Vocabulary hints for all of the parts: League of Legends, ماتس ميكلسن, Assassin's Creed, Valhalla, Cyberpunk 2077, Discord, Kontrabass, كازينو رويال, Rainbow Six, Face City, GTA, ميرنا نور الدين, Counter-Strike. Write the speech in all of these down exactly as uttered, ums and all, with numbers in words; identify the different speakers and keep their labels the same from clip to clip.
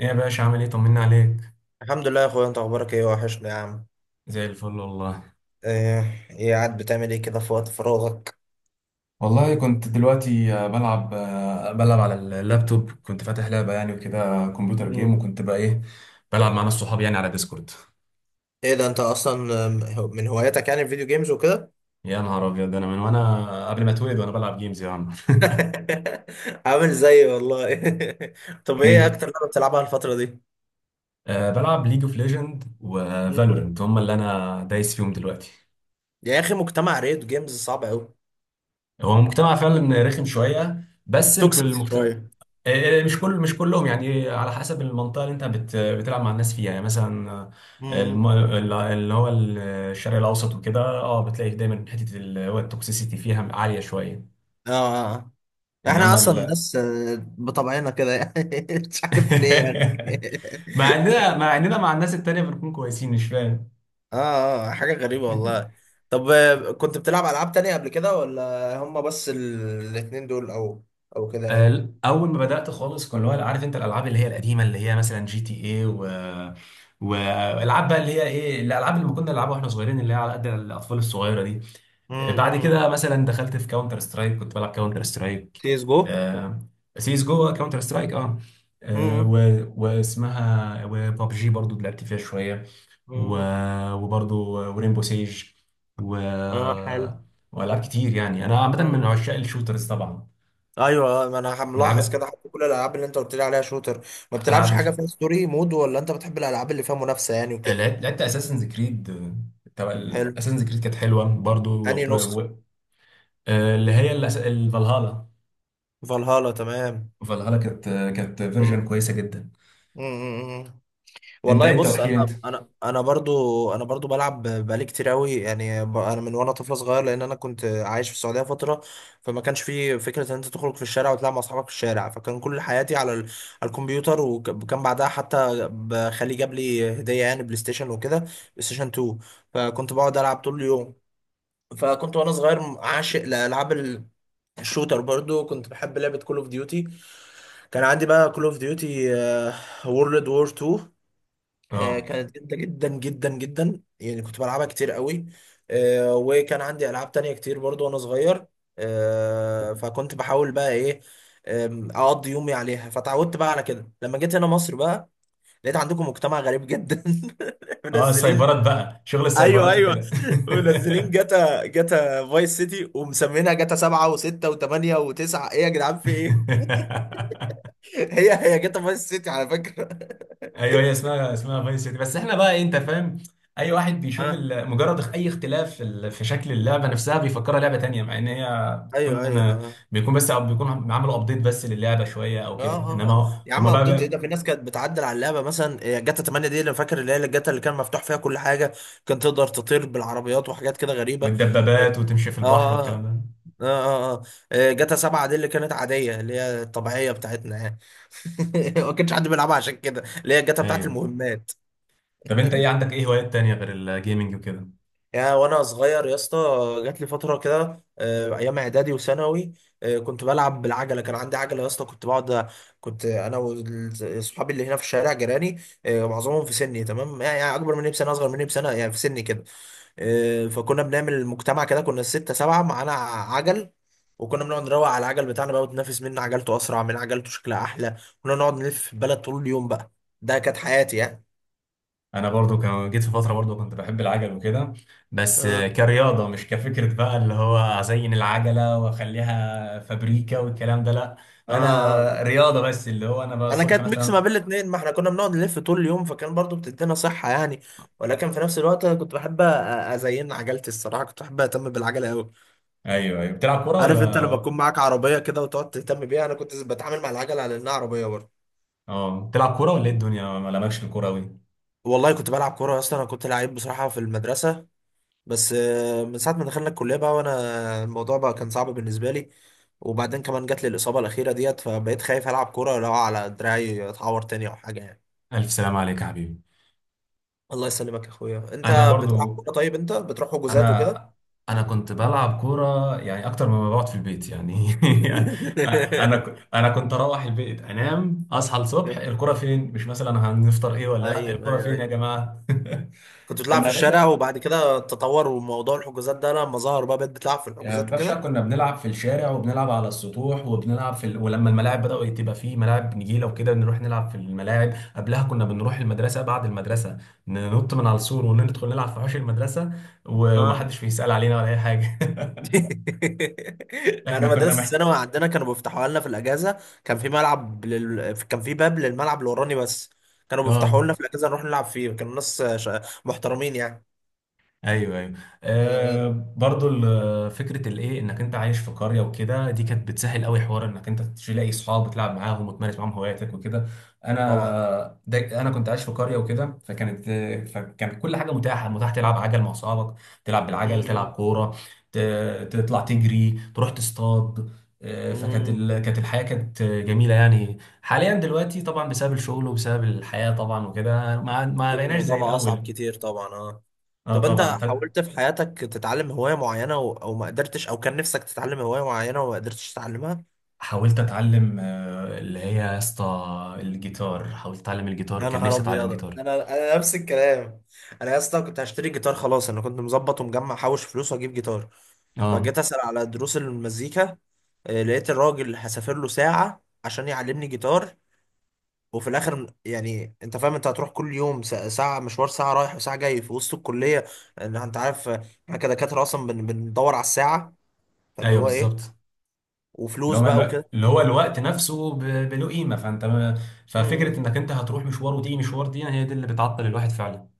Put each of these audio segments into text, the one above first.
Speaker 1: ايه يا باشا؟ عامل ايه؟ طمنا عليك.
Speaker 2: الحمد لله يا اخويا، انت اخبارك ايه؟ وحشني يا عم.
Speaker 1: زي الفل والله.
Speaker 2: ايه إيه قاعد بتعمل ايه كده في وقت فراغك؟
Speaker 1: والله كنت دلوقتي آه، بلعب آه، بلعب على اللابتوب، كنت فاتح لعبة يعني وكده، كمبيوتر جيم،
Speaker 2: مم.
Speaker 1: وكنت بقى ايه، بلعب مع ناس صحابي يعني على ديسكورد.
Speaker 2: ايه ده؟ انت اصلا آم، هو- من هواياتك يعني الفيديو جيمز وكده؟
Speaker 1: يا نهار ابيض، انا من وانا قبل ما اتولد وانا بلعب جيمز يا عم.
Speaker 2: عامل زيي والله. طب ايه
Speaker 1: ايه،
Speaker 2: اكتر لعبه بتلعبها الفتره دي؟
Speaker 1: أه بلعب ليج اوف ليجند
Speaker 2: مم.
Speaker 1: وفالورنت، هم اللي انا دايس فيهم دلوقتي.
Speaker 2: يا اخي مجتمع ريد جيمز صعب قوي.
Speaker 1: هو المجتمع فعلا رخم شوية، بس
Speaker 2: توكسيك
Speaker 1: المجت...
Speaker 2: شويه.
Speaker 1: آه، مش كل مش كلهم يعني، على حسب المنطقه اللي انت بت بتلعب مع الناس فيها يعني. مثلا آه، الم...
Speaker 2: مم.
Speaker 1: ال- اللي هو الشرق الاوسط وكده، اه بتلاقي دايما حته اللي هو التوكسيسيتي فيها عاليه شويه.
Speaker 2: اه آه، آه. احنا
Speaker 1: انما
Speaker 2: اصلا
Speaker 1: ال...
Speaker 2: ناس آه، بطبعنا كده يعني، مش عارف ليه يعني.
Speaker 1: مع اننا مع اننا مع الناس التانيه بنكون كويسين، مش فاهم.
Speaker 2: اه اه، حاجة غريبة والله. طب آه، كنت بتلعب ألعاب تانية قبل كده، ولا هما بس ال- الاتنين دول أو أو كده يعني؟
Speaker 1: آه، اول ما بدات خالص، كان اللي هو، عارف انت، الالعاب اللي هي القديمه، اللي هي مثلا جي تي اي، و والالعاب بقى اللي هي ايه، الالعاب اللي كنا نلعبها واحنا صغيرين، اللي هي على قد الاطفال الصغيره دي. آه، بعد كده مثلا دخلت في كاونتر سترايك، كنت بلعب كاونتر سترايك.
Speaker 2: تيس جو.
Speaker 1: سيس جو، كاونتر سترايك، اه. آه، و...
Speaker 2: مم.
Speaker 1: واسمها وبابجي برضو لعبت فيها شويه. و...
Speaker 2: مم.
Speaker 1: وبرضو ورينبو سيج. و...
Speaker 2: اه حلو.
Speaker 1: والعاب كتير يعني، انا عامه من
Speaker 2: مم.
Speaker 1: عشاق الشوترز طبعا.
Speaker 2: ايوه آه، ما انا
Speaker 1: من
Speaker 2: ملاحظ
Speaker 1: العاب
Speaker 2: كده، حتى كل الالعاب اللي انت قلت لي عليها شوتر، ما بتلعبش
Speaker 1: العاب الش-
Speaker 2: حاجه فيها ستوري مود؟ ولا انت بتحب الالعاب اللي فيها منافسه يعني وكده؟
Speaker 1: لعبت لعبت اساسنز كريد، تبع.
Speaker 2: حلو.
Speaker 1: اساسنز كريد كانت حلوه برضو،
Speaker 2: انهي
Speaker 1: وب- و-
Speaker 2: نسخه؟
Speaker 1: آه، اللي هي الأس- الفالهالا.
Speaker 2: فالهالا، تمام.
Speaker 1: فالهالا كانت، كانت فيرجن
Speaker 2: مم.
Speaker 1: كويسه جدا.
Speaker 2: مم.
Speaker 1: انت
Speaker 2: والله
Speaker 1: انت
Speaker 2: بص، انا
Speaker 1: وحكي انت.
Speaker 2: انا انا برضو، انا برضو بلعب بقالي كتير قوي يعني، ب- انا من وانا طفل صغير، لان انا كنت عايش في السعوديه فتره، فما كانش في فكره ان انت تخرج في الشارع وتلعب مع اصحابك في الشارع، فكان كل حياتي على ال- على الكمبيوتر، وكان بعدها حتى ب- خالي جاب لي هديه يعني بلاي ستيشن وكده، بلاي ستيشن اتنين. فكنت بقعد العب طول اليوم. فكنت وانا صغير عاشق لالعاب ال- الشوتر، برضو كنت بحب لعبه كول اوف ديوتي. كان عندي بقى كول اوف ديوتي وورلد وور اتنين. آه،
Speaker 1: اه
Speaker 2: كانت جامده جدا جدا جدا يعني، كنت بلعبها كتير قوي. آه، وكان عندي العاب تانية كتير برضو وانا صغير. آه، فكنت بحاول بقى ايه، آم، اقضي يومي عليها. فتعودت بقى على كده، لما جيت هنا مصر بقى لقيت عندكم مجتمع غريب جدا.
Speaker 1: اه،
Speaker 2: منزلين.
Speaker 1: السايبرات بقى، شغل
Speaker 2: ايوه
Speaker 1: السايبرات
Speaker 2: ايوه،
Speaker 1: وكده.
Speaker 2: منزلين جاتا، جاتا فايس سيتي ومسمينها جاتا سبعة وستة وثمانية وتسعة، ايه يا جدعان في ايه؟ هي هي جاتا فايس سيتي على فكرة.
Speaker 1: ايوه، هي اسمها اسمها فايس سيتي، بس احنا بقى إيه، انت فاهم، اي واحد بيشوف
Speaker 2: اه
Speaker 1: ال- مجرد اخ- اي اختلاف في ال- في شكل اللعبه نفسها بيفكرها لعبه تانية، مع ان هي
Speaker 2: ايوه
Speaker 1: بتكون
Speaker 2: ايوه.
Speaker 1: بيكون بس بيكون عملوا ابديت بس للعبه شويه او
Speaker 2: اه
Speaker 1: كده،
Speaker 2: اه
Speaker 1: انما
Speaker 2: اه.
Speaker 1: هو-
Speaker 2: يا عم
Speaker 1: هما بقى،
Speaker 2: قبضت ايه،
Speaker 1: بقى
Speaker 2: ده في ناس كانت بتعدل على اللعبه، مثلا إيه، جاتا تمانية دي اللي فاكر، اللي هي الجاتا اللي كان مفتوح فيها كل حاجه، كان تقدر تطير بالعربيات وحاجات كده غريبه.
Speaker 1: والدبابات، وتمشي في البحر،
Speaker 2: اه
Speaker 1: والكلام
Speaker 2: اه
Speaker 1: ده.
Speaker 2: اه اه آه. إيه، جاتا سبعة دي اللي كانت عاديه، اللي هي الطبيعيه بتاعتنا يعني. ما كانش حد بيلعبها عشان كده، اللي هي الجاتا بتاعت
Speaker 1: ايوه.
Speaker 2: المهمات.
Speaker 1: طب انت ايه عندك ايه هوايات تانية غير الجيمنج وكده؟
Speaker 2: يا وانا صغير يا اسطى، جات لي فتره كده، آه، ايام اعدادي وثانوي، آه، كنت بلعب بالعجله، كان عندي عجله يا اسطى، كنت بقعد، كنت انا واصحابي اللي هنا في الشارع جيراني، آه، معظمهم في سني تمام يعني، يعني اكبر مني بسنه، اصغر مني بسنه، يعني في سني كده. آه، فكنا بنعمل مجتمع كده، كنا سته سبعه معانا عجل، وكنا بنقعد نروق على العجل بتاعنا بقى، وتنافس مين عجلته اسرع، مين عجلته شكلها احلى. كنا نقعد نلف في البلد طول اليوم بقى، ده كانت حياتي يعني.
Speaker 1: انا برضو كان جيت في فتره برضو كنت بحب العجل وكده، بس
Speaker 2: اه
Speaker 1: كرياضه، مش كفكره بقى اللي هو ازين العجله واخليها فابريكا والكلام ده، لا.
Speaker 2: اه آه.
Speaker 1: انا رياضه بس، اللي هو انا بقى
Speaker 2: انا
Speaker 1: الصبح
Speaker 2: كانت ميكس ما
Speaker 1: مثلا.
Speaker 2: بين الاتنين، ما احنا كنا بنقعد نلف طول اليوم، فكان برضو بتدينا صحة يعني. ولكن في نفس الوقت أنا كنت بحب أ- ازين عجلتي الصراحة، كنت بحب اهتم بالعجلة قوي.
Speaker 1: ايوه ايوه. بتلعب كوره
Speaker 2: عارف انت لما تكون
Speaker 1: ولا؟
Speaker 2: معاك عربية كده وتقعد تهتم بيها، انا كنت بتعامل مع العجلة على انها عربية برضو.
Speaker 1: اه بتلعب كوره ولا ايه الدنيا؟ ما لمكش في الكوره قوي.
Speaker 2: والله كنت بلعب كورة، اصلا انا كنت لعيب بصراحة في المدرسة، بس آه، من ساعة ما دخلنا الكلية بقى، وانا الموضوع بقى كان صعب بالنسبة لي، وبعدين كمان جات لي الإصابة الأخيرة ديت، فبقيت خايف ألعب كورة لو على دراعي أتعور تاني أو حاجة يعني.
Speaker 1: الف سلام عليك يا حبيبي.
Speaker 2: الله يسلمك يا اخويا. انت
Speaker 1: انا
Speaker 2: بتلعب
Speaker 1: برضو.
Speaker 2: كوره؟ طيب انت بتروح حجوزات وكده؟
Speaker 1: انا انا كنت بلعب كوره يعني اكتر مما بقعد في البيت يعني. انا ك- انا كنت اروح البيت انام، اصحى الصبح، الكوره فين؟ مش مثلا هنفطر ايه ولا لا،
Speaker 2: ايوه
Speaker 1: الكوره
Speaker 2: ايوه
Speaker 1: فين يا
Speaker 2: ايوه.
Speaker 1: جماعه؟
Speaker 2: كنت بتلعب
Speaker 1: كنا
Speaker 2: في
Speaker 1: يا
Speaker 2: الشارع،
Speaker 1: باشا
Speaker 2: وبعد كده تطور وموضوع الحجوزات ده لما ظهر بقى، بقيت بتلعب في
Speaker 1: يا
Speaker 2: الحجوزات
Speaker 1: باشا،
Speaker 2: وكده.
Speaker 1: كنا بنلعب في الشارع، وبنلعب على السطوح، وبنلعب في ال... ولما الملاعب بدأوا تبقى فيه ملاعب نجيله وكده، نروح نلعب في الملاعب. قبلها كنا بنروح المدرسه بعد المدرسه، ننط من على السور وندخل نلعب في حوش المدرسه،
Speaker 2: اه.
Speaker 1: ومحدش بيسأل علينا ولا اي حاجه. احنا
Speaker 2: انا
Speaker 1: كنا
Speaker 2: مدرسه
Speaker 1: محت...
Speaker 2: الثانوي عندنا كانوا بيفتحوها لنا في الاجازه. كان في ملعب لل... كان في باب للملعب اللي وراني بس، كانوا بيفتحوا
Speaker 1: اه،
Speaker 2: لنا في الاجازه نروح نلعب فيه. كانوا ناس ش- محترمين يعني.
Speaker 1: ايوه ايوه،
Speaker 2: أمم.
Speaker 1: آه. برضو ال- فكره الايه، انك انت عايش في قريه وكده، دي كانت بتسهل قوي حوار انك انت تلاقي اصحاب وتلعب معاهم وتمارس معاهم هواياتك وكده.
Speaker 2: طبعا.
Speaker 1: انا ده انا كنت عايش في قريه وكده، فكانت، فكان كل حاجه متاحه متاح تلعب عجل مع اصحابك، تلعب بالعجل، تلعب
Speaker 2: أمم.
Speaker 1: كوره، ت- تطلع تجري، تروح تصطاد. آه، فكانت
Speaker 2: أمم.
Speaker 1: ال... كانت الحياه كانت جميله يعني. حاليا دلوقتي طبعا، بسبب الشغل وبسبب الحياه طبعا وكده، ما ما
Speaker 2: اكيد
Speaker 1: بقيناش
Speaker 2: الموضوع
Speaker 1: زي
Speaker 2: بقى اصعب
Speaker 1: الاول.
Speaker 2: كتير طبعا، اه.
Speaker 1: اه
Speaker 2: طب انت
Speaker 1: طبعا.
Speaker 2: حاولت في حياتك تتعلم هواية معينة و... او ما قدرتش؟ او كان نفسك تتعلم هواية معينة وما قدرتش تتعلمها؟
Speaker 1: حاولت اتعلم آه، اللي هي يا اسطى الجيتار، حاولت اتعلم الجيتار،
Speaker 2: يا
Speaker 1: كان
Speaker 2: نهار
Speaker 1: نفسي اتعلم
Speaker 2: ابيض،
Speaker 1: جيتار.
Speaker 2: انا انا نفس الكلام. انا يا اسطى كنت هشتري جيتار خلاص، انا كنت مظبط ومجمع حوش فلوس واجيب جيتار، فجيت
Speaker 1: اه.
Speaker 2: اسأل على دروس المزيكا. آه، لقيت الراجل هسافر له ساعة عشان يعلمني جيتار، وفي الاخر يعني انت فاهم، انت هتروح كل يوم ساعة، ساعة مشوار، ساعة رايح وساعة جاي في وسط الكلية، ان انت عارف آه، احنا كدكاترة اصلا بن- بندور على الساعة، فاللي
Speaker 1: ايوه
Speaker 2: هو ايه،
Speaker 1: بالظبط. اللي
Speaker 2: وفلوس
Speaker 1: هو
Speaker 2: بقى
Speaker 1: الوقت،
Speaker 2: وكده.
Speaker 1: اللي هو الوقت
Speaker 2: آه.
Speaker 1: نفسه ب- بله قيمه، فانت ما-
Speaker 2: م-
Speaker 1: ففكره
Speaker 2: م.
Speaker 1: انك انت هتروح مشوار وتيجي مشوار، دي هي دي اللي بتعطل الواحد فعلا.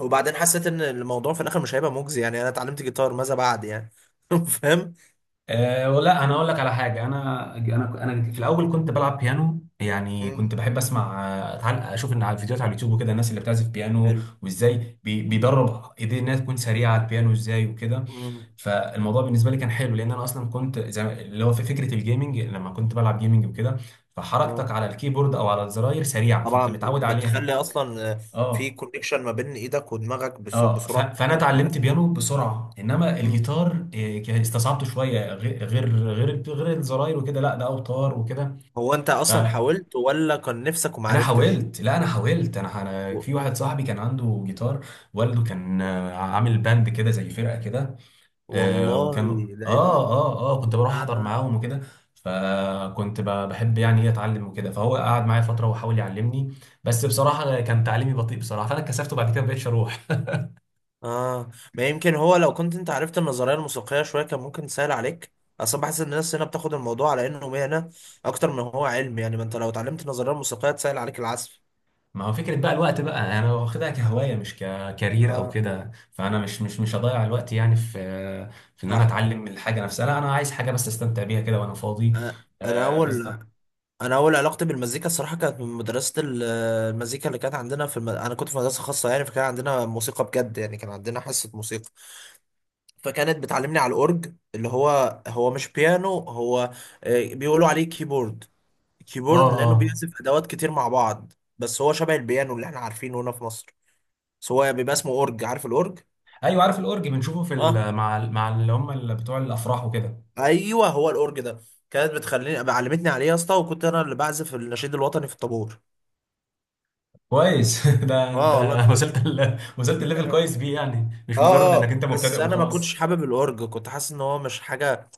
Speaker 2: وبعدين حسيت ان الموضوع في الاخر مش هيبقى مجزي يعني، انا اتعلمت جيتار ماذا بعد يعني؟ فاهم؟
Speaker 1: أه، ولا انا اقول لك على حاجه، انا انا انا في الاول كنت بلعب بيانو يعني،
Speaker 2: م.
Speaker 1: كنت بحب اسمع آه، تعال اشوف ان على فيديوهات على اليوتيوب وكده الناس اللي بتعزف بيانو،
Speaker 2: حلو.
Speaker 1: وازاي بي- بيدرب ايديه انها تكون سريعه على البيانو ازاي وكده.
Speaker 2: م.
Speaker 1: فالموضوع بالنسبه لي كان حلو، لان انا اصلا كنت زي ما- اللي هو في فكره الجيمنج، لما كنت بلعب جيمنج وكده، فحركتك
Speaker 2: آه.
Speaker 1: على الكيبورد او على الزراير سريعه، فانت
Speaker 2: طبعا
Speaker 1: متعود عليها.
Speaker 2: بتخلي اصلا آه، في
Speaker 1: اه
Speaker 2: كونكشن ما بين ايدك ودماغك بس-
Speaker 1: اه. ف-
Speaker 2: بسرعة
Speaker 1: فانا
Speaker 2: اكبر.
Speaker 1: اتعلمت بيانو بسرعه، انما
Speaker 2: م.
Speaker 1: الجيتار إيه، ك- استصعبته شويه، غ- غير غير غير الزراير وكده، لا ده اوتار وكده.
Speaker 2: هو انت اصلا
Speaker 1: فانا،
Speaker 2: حاولت، ولا كان نفسك وما عرفتش؟
Speaker 1: حاولت، لا انا حاولت، انا أنا في واحد صاحبي كان عنده جيتار، والده كان آه، عامل باند كده زي فرقه كده. آه،
Speaker 2: والله،
Speaker 1: وكان اه
Speaker 2: ده ايه ده؟
Speaker 1: اه اه، كنت بروح احضر
Speaker 2: آه.
Speaker 1: معاهم وكده. فكنت ب- بحب يعني ايه اتعلم وكده، فهو قعد معايا فتره وحاول يعلمني، بس بصراحه كان تعليمي بطيء بصراحه، فانا اتكسفت وبعد كده ما بقتش اروح.
Speaker 2: اه. ما يمكن هو لو كنت انت عرفت النظريه الموسيقيه شويه كان ممكن تسهل عليك. اصلا بحس ان الناس هنا بتاخد الموضوع على انه مهنه اكتر من هو علم يعني. ما انت لو اتعلمت النظريه الموسيقيه تسهل عليك العزف.
Speaker 1: ما هو فكرة بقى الوقت بقى، انا واخدها كهواية مش ككارير او
Speaker 2: اه.
Speaker 1: كده، فانا مش مش مش هضيع الوقت يعني في، في ان انا
Speaker 2: صح.
Speaker 1: اتعلم من الحاجة نفسها، لا انا عايز حاجة بس استمتع بيها كده وانا فاضي.
Speaker 2: آه. انا
Speaker 1: آه
Speaker 2: اول
Speaker 1: بالظبط.
Speaker 2: انا اول علاقتي بالمزيكا الصراحه كانت من مدرسه ال- المزيكا اللي كانت عندنا في الم... انا كنت في مدرسه خاصه يعني، فكان عندنا موسيقى بجد يعني، كان عندنا حصه موسيقى، فكانت بتعلمني على الاورج اللي هو، هو مش بيانو، هو آه، بيقولوا عليه كيبورد.
Speaker 1: اه
Speaker 2: كيبورد لانه
Speaker 1: اه.
Speaker 2: بيعزف ادوات كتير مع بعض، بس هو شبه البيانو اللي احنا عارفينه هنا في مصر، بس هو بيبقى اسمه اورج. عارف الاورج؟
Speaker 1: ايوه عارف الاورج، بنشوفه في
Speaker 2: اه
Speaker 1: ال- مع ال- مع اللي هم اللي بتوع الافراح وكده.
Speaker 2: ايوه، هو الاورج ده. كانت بتخليني أبقى- علمتني عليه يا اسطى، وكنت انا اللي بعزف النشيد الوطني في الطابور.
Speaker 1: كويس. ده انت
Speaker 2: اه والله كنت.
Speaker 1: وصلت ال... وصلت الليفل
Speaker 2: اه
Speaker 1: كويس بيه يعني، مش مجرد انك
Speaker 2: اه،
Speaker 1: انت مبتدئ
Speaker 2: بس انا ما كنتش
Speaker 1: وخلاص.
Speaker 2: حابب الاورج، كنت حاسس ان هو مش حاجه،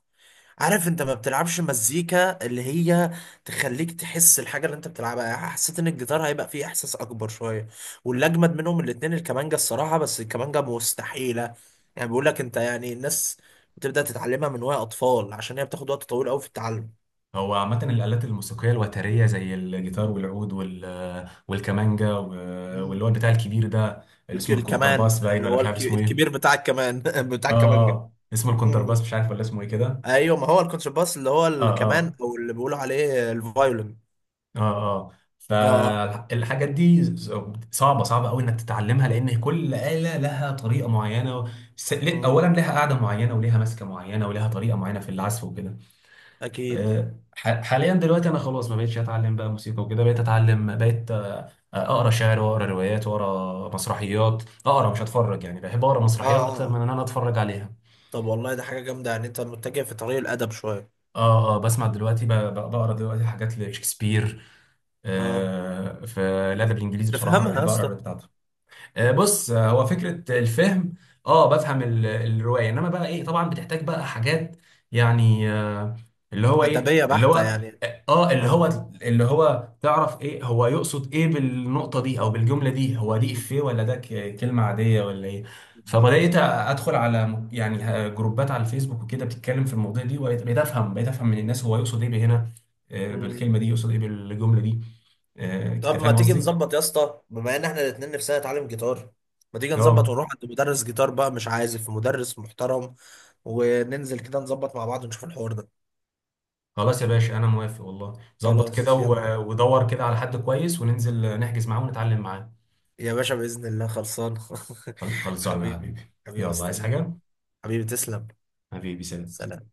Speaker 2: عارف، انت ما بتلعبش مزيكا اللي هي تخليك تحس الحاجة اللي انت بتلعبها يعني. حسيت ان الجيتار هيبقى فيه احساس اكبر شوية، واللي اجمد منهم الاتنين الكمانجة الصراحة، بس الكمانجة مستحيلة يعني، بيقول لك انت يعني الناس بتبدأ تتعلمها من وهي اطفال، عشان هي بتاخد وقت طويل قوي في التعلم.
Speaker 1: هو عامة الآلات الموسيقية الوترية، زي الجيتار والعود وال... والكمانجا و...
Speaker 2: مم.
Speaker 1: واللي هو البتاع الكبير ده، اللي
Speaker 2: الك-
Speaker 1: اسمه
Speaker 2: الكمان
Speaker 1: الكونترباس، باين
Speaker 2: اللي
Speaker 1: ولا
Speaker 2: هو
Speaker 1: مش عارف
Speaker 2: الك-
Speaker 1: اسمه ايه.
Speaker 2: الكبير بتاع الكمان، بتاع
Speaker 1: اه
Speaker 2: الكمانجة.
Speaker 1: اه، اسمه
Speaker 2: مم.
Speaker 1: الكونترباس، مش عارف ولا اسمه ايه كده.
Speaker 2: ايوه، ما هو الكونترباس اللي هو
Speaker 1: اه
Speaker 2: الكمان،
Speaker 1: اه
Speaker 2: او اللي بيقولوا عليه الفايولين.
Speaker 1: اه اه.
Speaker 2: اه.
Speaker 1: فالحاجات دي ز- صعبة، صعبة قوي انك تتعلمها، لان كل آلة لها طريقة معينة. س- ل-
Speaker 2: مم.
Speaker 1: اولا لها قاعدة معينة، وليها ماسكة معينة، وليها طريقة معينة في العزف وكده.
Speaker 2: اكيد.
Speaker 1: آه، ح- حاليا دلوقتي انا خلاص ما بقتش اتعلم بقى موسيقى وكده، بقيت اتعلم بقيت آه، اقرا شعر، واقرا روايات، واقرا مسرحيات. اقرا مش اتفرج يعني، بحب اقرا
Speaker 2: اه
Speaker 1: مسرحيات اكتر من
Speaker 2: اه.
Speaker 1: ان انا اتفرج عليها.
Speaker 2: طب والله ده حاجة جامدة يعني، انت متجه في طريق الأدب شوية.
Speaker 1: اه اه. بسمع دلوقتي، ب- ب- بقرا دلوقتي حاجات لشكسبير.
Speaker 2: اه.
Speaker 1: آه في الادب الانجليزي بصراحه انا
Speaker 2: تفهمها يا
Speaker 1: بحب اقرا
Speaker 2: اسطى؟
Speaker 1: الروايات بتاعته. آه، بص، آه، هو فكرة الفهم، اه، بفهم ال- الرواية، انما بقى ايه، طبعا بتحتاج بقى حاجات يعني، آه، اللي هو ايه
Speaker 2: أدبية
Speaker 1: اللي
Speaker 2: بحتة
Speaker 1: هو
Speaker 2: يعني.
Speaker 1: اه آه، اللي
Speaker 2: اه.
Speaker 1: هو اللي هو تعرف ايه هو يقصد ايه بالنقطة دي او بالجملة دي، هو دي
Speaker 2: مم.
Speaker 1: افيه ولا ده ك- كلمة عادية ولا ايه. فبدأت ادخل على م- يعني آه، جروبات على الفيسبوك وكده بتتكلم في المواضيع دي، وبقيت بقيت افهم بقيت افهم من الناس هو يقصد ايه بهنا، آه،
Speaker 2: مم.
Speaker 1: بالكلمة دي يقصد ايه، بالجملة دي. آه، انت
Speaker 2: طب ما
Speaker 1: فاهم
Speaker 2: تيجي
Speaker 1: قصدي؟
Speaker 2: نظبط يا اسطى، بما ان احنا الاتنين نفسنا نتعلم جيتار، ما تيجي نظبط
Speaker 1: اه،
Speaker 2: ونروح عند مدرس جيتار بقى، مش عازف، مدرس محترم، وننزل كده نظبط مع بعض ونشوف الحوار ده.
Speaker 1: خلاص يا باشا انا موافق والله، ظبط كده،
Speaker 2: خلاص يلا
Speaker 1: و-
Speaker 2: بينا.
Speaker 1: ودور كده على حد كويس وننزل نحجز معاه ونتعلم معاه.
Speaker 2: يا باشا بإذن الله خلصان.
Speaker 1: خل- خلصانه يا
Speaker 2: حبيبي.
Speaker 1: حبيبي،
Speaker 2: حبيبي
Speaker 1: يلا، عايز
Speaker 2: مستنيك.
Speaker 1: حاجه؟
Speaker 2: حبيبي تسلم.
Speaker 1: حبيبي سلام.
Speaker 2: سلام.